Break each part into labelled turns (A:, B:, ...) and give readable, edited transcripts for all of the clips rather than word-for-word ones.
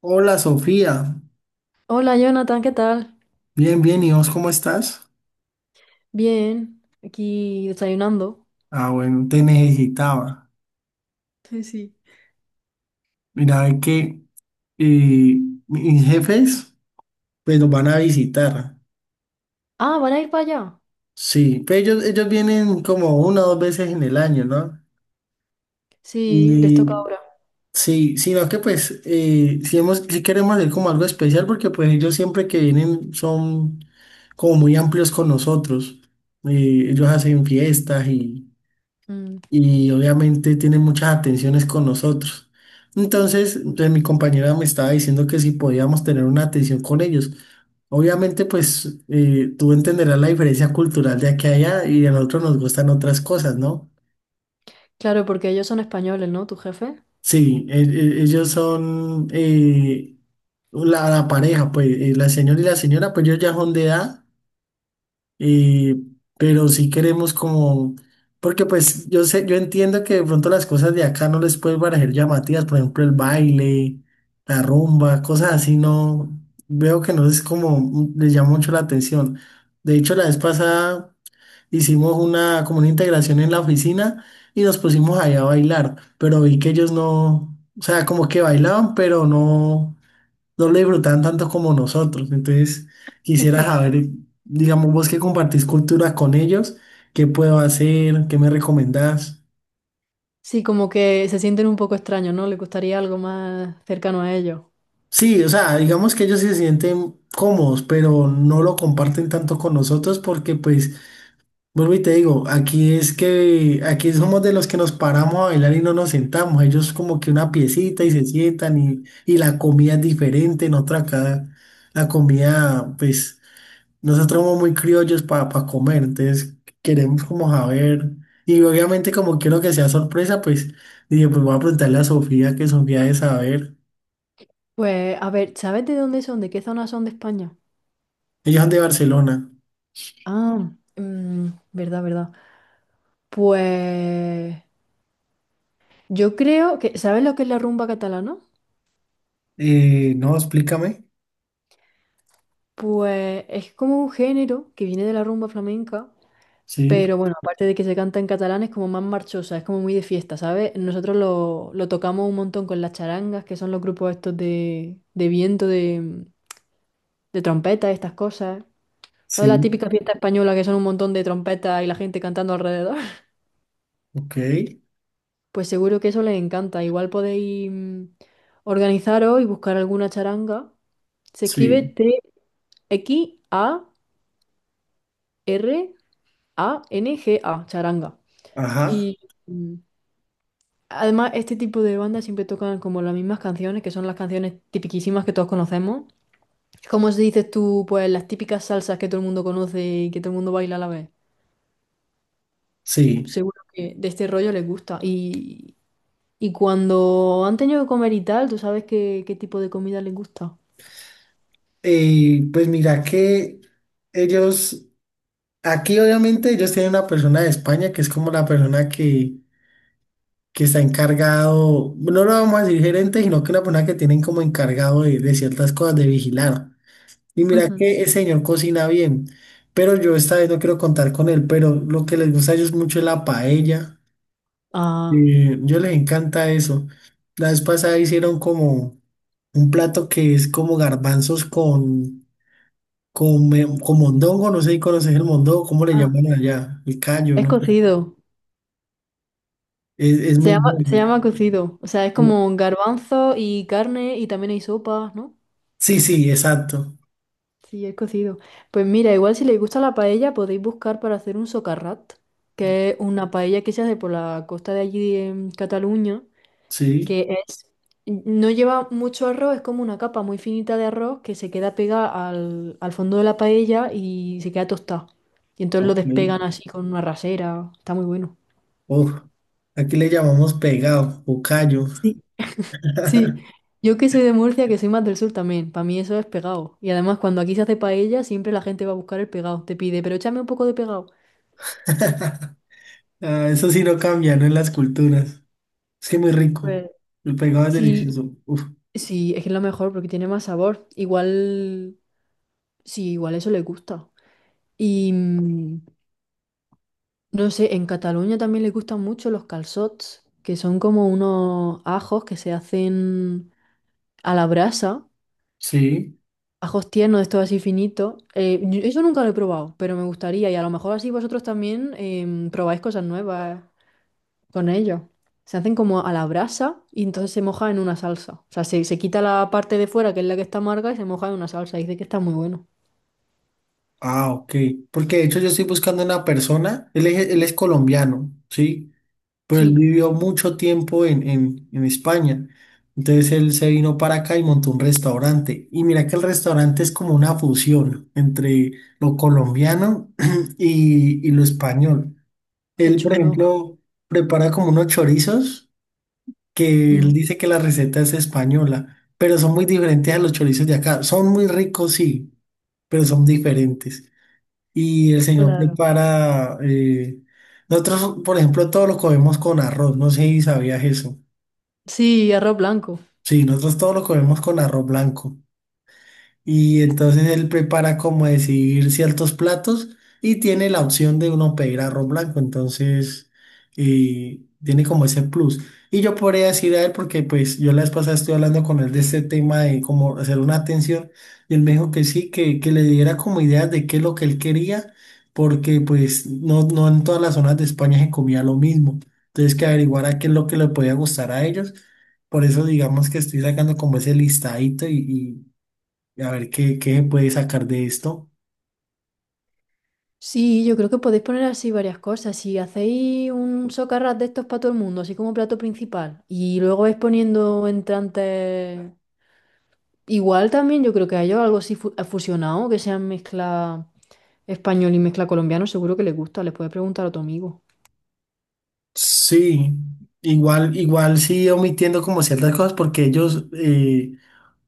A: Hola Sofía,
B: Hola Jonathan, ¿qué tal?
A: bien, bien, ¿y vos cómo estás?
B: Bien, aquí desayunando.
A: Ah, bueno, te necesitaba.
B: Sí, sí.
A: Mira, es que eh, mis jefes pues los van a visitar.
B: Ah, ¿van a ir para allá?
A: Sí, pero ellos vienen como una o dos veces en el año, ¿no?
B: Sí, les toca
A: Y
B: ahora.
A: sí, sino que pues si, hemos, si queremos hacer como algo especial porque pues ellos siempre que vienen son como muy amplios con nosotros. Ellos hacen fiestas
B: Mm.
A: y obviamente tiene muchas atenciones con nosotros. Entonces, mi compañera me estaba diciendo que si podíamos tener una atención con ellos. Obviamente, pues tú entenderás la diferencia cultural de aquí a allá y a nosotros nos gustan otras cosas, ¿no?
B: Claro, porque ellos son españoles, ¿no? ¿Tu jefe?
A: Sí, ellos son la pareja, pues la señora y la señora, pues ellos ya son de edad. Eh, pero si queremos como, porque pues yo sé, yo entiendo que de pronto las cosas de acá no les pueden parecer llamativas, por ejemplo el baile, la rumba, cosas así, no, veo que no es como, les llama mucho la atención. De hecho, la vez pasada hicimos una, como una integración en la oficina y nos pusimos allá a bailar, pero vi que ellos no, o sea, como que bailaban, pero no lo disfrutaban tanto como nosotros. Entonces, quisiera saber, digamos, vos que compartís cultura con ellos, ¿qué puedo hacer? ¿Qué me recomendás?
B: Sí, como que se sienten un poco extraños, ¿no? Les gustaría algo más cercano a ellos.
A: Sí, o sea, digamos que ellos se sienten cómodos, pero no lo comparten tanto con nosotros porque, pues, vuelvo y te digo, aquí es que, aquí somos de los que nos paramos a bailar y no nos sentamos. Ellos como que una piecita y se sientan y la comida es diferente, en otra acá la comida, pues, nosotros somos muy criollos para comer, entonces queremos como saber. Y obviamente como quiero que sea sorpresa, pues dije, pues voy a preguntarle a Sofía, que Sofía de saber.
B: Pues, a ver, ¿sabes de dónde son? ¿De qué zona son de España?
A: Ellos son de Barcelona.
B: Ah, mm, verdad, verdad. Pues yo creo que, ¿sabes lo que es la rumba catalana?
A: No, explícame.
B: Pues es como un género que viene de la rumba flamenca.
A: Sí,
B: Pero bueno, aparte de que se canta en catalán, es como más marchosa, es como muy de fiesta, ¿sabes? Nosotros lo tocamos un montón con las charangas, que son los grupos estos de, viento, de trompeta, estas cosas. ¿Sabes la
A: sí,
B: típica fiesta española que son un montón de trompetas y la gente cantando alrededor?
A: ok,
B: Pues seguro que eso les encanta. Igual podéis organizaros y buscar alguna charanga. Se
A: sí,
B: escribe Txaranga, charanga.
A: ajá,
B: Y, mm, además, este tipo de bandas siempre tocan como las mismas canciones, que son las canciones tipiquísimas que todos conocemos. ¿Cómo se dices tú, pues las típicas salsas que todo el mundo conoce y que todo el mundo baila a la vez?
A: sí.
B: Seguro que de este rollo les gusta. Y cuando han tenido que comer y tal, ¿tú sabes qué tipo de comida les gusta?
A: Pues mira que ellos, aquí obviamente ellos tienen una persona de España que es como la persona que está encargado, no lo vamos a decir gerente, sino que una persona que tienen como encargado de ciertas cosas, de vigilar. Y mira
B: Ujú.
A: que el señor cocina bien, pero yo esta vez no quiero contar con él, pero lo que les gusta a ellos mucho es la paella.
B: Ah,
A: Eh, yo les encanta eso. La vez pasada hicieron como un plato que es como garbanzos con mondongo, no sé si conoces el mondongo, ¿cómo le
B: ah,
A: llaman allá? El callo,
B: es
A: ¿no?
B: cocido.
A: Es
B: Se
A: muy
B: llama, se
A: bueno.
B: llama cocido. O sea, es como garbanzo y carne y también hay sopas, ¿no?
A: Sí, sí, exacto.
B: Sí, es cocido. Pues mira, igual si les gusta la paella, podéis buscar para hacer un socarrat, que es una paella que se hace por la costa de allí en Cataluña,
A: Sí.
B: que es, no lleva mucho arroz, es como una capa muy finita de arroz que se queda pegada al fondo de la paella y se queda tostada. Y entonces lo
A: Oh,
B: despegan así con una rasera. Está muy bueno.
A: uf, aquí le llamamos pegado o callo.
B: Sí. Sí. Yo que soy de Murcia, que soy más del sur también, para mí eso es pegado. Y además cuando aquí se hace paella, siempre la gente va a buscar el pegado. Te pide, pero échame un poco de pegado.
A: Ah, eso sí no cambia, ¿no? En las culturas. Es que muy rico. El pegado es
B: Sí,
A: delicioso. Uf,
B: sí, es que es lo mejor porque tiene más sabor. Igual, sí, igual eso le gusta. Y no sé, en Cataluña también les gustan mucho los calçots, que son como unos ajos que se hacen a la brasa,
A: sí.
B: ajos tiernos, estos así finitos. Eso nunca lo he probado, pero me gustaría y a lo mejor así vosotros también probáis cosas nuevas con ellos. Se hacen como a la brasa y entonces se moja en una salsa. O sea, se quita la parte de fuera, que es la que está amarga, y se moja en una salsa. Dice que está muy bueno.
A: Ah, ok. Porque de hecho yo estoy buscando una persona. Él es colombiano, ¿sí? Pero él
B: Sí,
A: vivió mucho tiempo en España. Entonces él se vino para acá y montó un restaurante. Y mira que el restaurante es como una fusión entre lo colombiano y lo español.
B: qué
A: Él, por
B: chulo.
A: ejemplo, prepara como unos chorizos que él
B: Mm,
A: dice que la receta es española, pero son muy diferentes a los chorizos de acá. Son muy ricos, sí, pero son diferentes. Y el señor
B: claro.
A: prepara, nosotros, por ejemplo, todo lo comemos con arroz, no sé si sabías eso.
B: Sí, arroz blanco.
A: Sí, nosotros todo lo comemos con arroz blanco. Y entonces él prepara como decir ciertos platos y tiene la opción de uno pedir arroz blanco, entonces tiene como ese plus. Y yo podría decir a él, porque pues yo la vez pasada estoy hablando con él de este tema de cómo hacer una atención y él me dijo que sí, que le diera como ideas de qué es lo que él quería, porque pues no, no en todas las zonas de España se comía lo mismo. Entonces que averiguara qué es lo que le podía gustar a ellos. Por eso digamos que estoy sacando como ese listadito y, a ver, ¿qué puede sacar de esto?
B: Sí, yo creo que podéis poner así varias cosas. Si hacéis un socarrat de estos para todo el mundo, así como plato principal, y luego vais poniendo entrantes, igual también yo creo que a ellos algo así fusionado, que sean mezcla español y mezcla colombiano, seguro que les gusta. Les puedes preguntar a tu amigo.
A: Sí, igual, igual sí omitiendo como ciertas cosas porque ellos,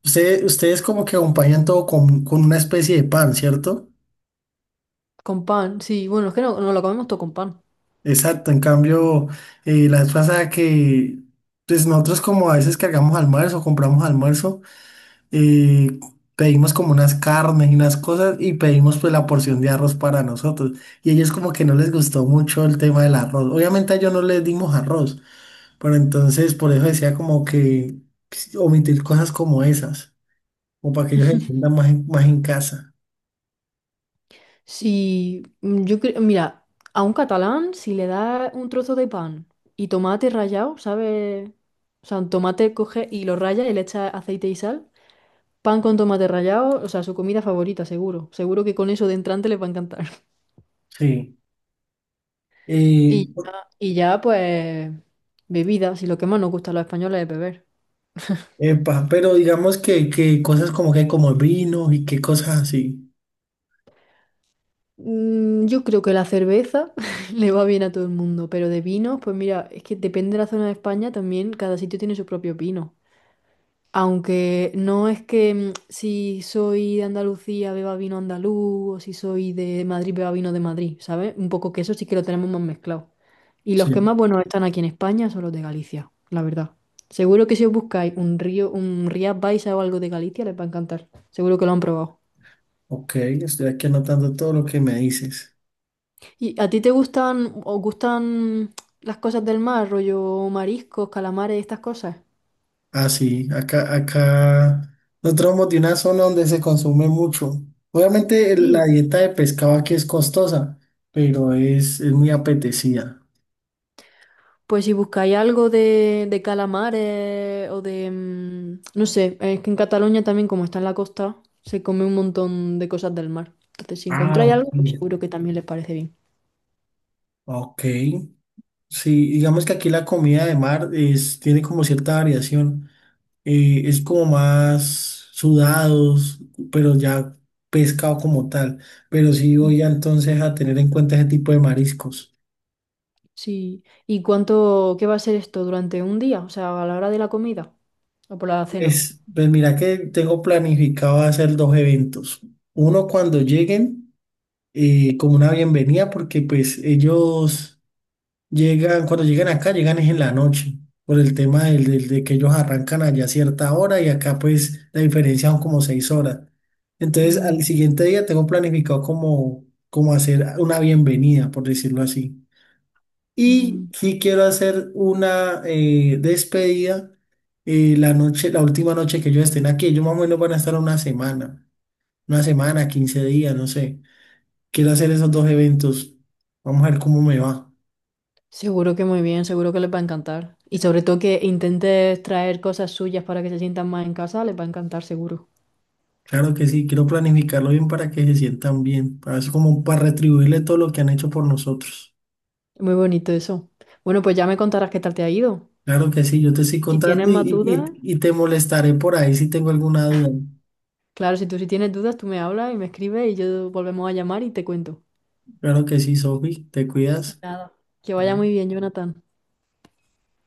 A: ustedes como que acompañan todo con una especie de pan, ¿cierto?
B: Con pan, sí. Bueno, es que no, no lo comemos todo con pan.
A: Exacto, en cambio, la vez pasada que, pues nosotros como a veces cargamos almuerzo, compramos almuerzo, eh, pedimos como unas carnes y unas cosas y pedimos pues la porción de arroz para nosotros. Y ellos como que no les gustó mucho el tema del arroz. Obviamente a ellos no les dimos arroz. Pero entonces, por eso decía como que omitir cosas como esas, o para que ellos se sientan más en casa.
B: Sí, yo creo, mira, a un catalán, si le das un trozo de pan y tomate rallado, ¿sabes? O sea, un tomate coge y lo raya y le echa aceite y sal. Pan con tomate rallado, o sea, su comida favorita, seguro. Seguro que con eso de entrante les va a encantar.
A: Sí. Eh,
B: Y ya, y ya, pues, bebida, si lo que más nos gusta a los españoles es beber.
A: Epa, pero digamos que cosas como que como el vino y qué cosas así.
B: Yo creo que la cerveza le va bien a todo el mundo, pero de vinos, pues mira, es que depende de la zona de España también, cada sitio tiene su propio vino. Aunque no es que si soy de Andalucía beba vino andaluz o si soy de Madrid beba vino de Madrid, ¿sabes? Un poco que eso sí que lo tenemos más mezclado. Y los que
A: Sí.
B: más buenos están aquí en España son los de Galicia, la verdad. Seguro que si os buscáis un Rías Baixas o algo de Galicia les va a encantar. Seguro que lo han probado.
A: Ok, estoy aquí anotando todo lo que me dices.
B: ¿Y a ti te gustan o gustan las cosas del mar, rollo mariscos, calamares, estas cosas?
A: Ah, sí, acá nosotros somos de una zona donde se consume mucho. Obviamente la
B: Sí.
A: dieta de pescado aquí es costosa, pero es muy apetecida.
B: Pues si buscáis algo de calamares o no sé, es que en Cataluña también, como está en la costa, se come un montón de cosas del mar. Entonces, si
A: Ah,
B: encontráis
A: ok.
B: algo, pues seguro que también les parece bien.
A: Ok. Sí, digamos que aquí la comida de mar es, tiene como cierta variación. Eh, es como más sudados, pero ya pescado como tal. Pero sí
B: Mm.
A: voy a, entonces a tener en cuenta ese tipo de mariscos.
B: Sí. ¿Y cuánto, qué va a ser esto durante un día? O sea, a la hora de la comida o por la cena.
A: Es, pues mira que tengo planificado hacer dos eventos. Uno cuando lleguen, como una bienvenida, porque pues ellos llegan, cuando llegan acá, llegan es en la noche, por el tema de que ellos arrancan allá a cierta hora y acá pues la diferencia son como 6 horas. Entonces
B: Mm,
A: al siguiente día tengo planificado como hacer una bienvenida, por decirlo así. Y
B: mm.
A: sí quiero hacer una despedida la noche, la última noche que ellos estén aquí. Ellos más o menos van a estar una semana, 15 días, no sé. Quiero hacer esos dos eventos. Vamos a ver cómo me va.
B: Seguro que muy bien, seguro que les va a encantar. Y sobre todo que intentes traer cosas suyas para que se sientan más en casa, les va a encantar, seguro.
A: Claro que sí, quiero planificarlo bien para que se sientan bien, para eso como para retribuirle todo lo que han hecho por nosotros.
B: Muy bonito eso. Bueno, pues ya me contarás qué tal te ha ido.
A: Claro que sí, yo te estoy
B: Y si tienes
A: contando y,
B: más
A: y,
B: dudas,
A: y y te molestaré por ahí si tengo alguna duda.
B: claro, si tienes dudas, tú me hablas y me escribes y yo volvemos a llamar y te cuento.
A: Claro que sí, Sofi, te cuidas.
B: Nada. Que vaya
A: Chao.
B: muy bien, Jonathan.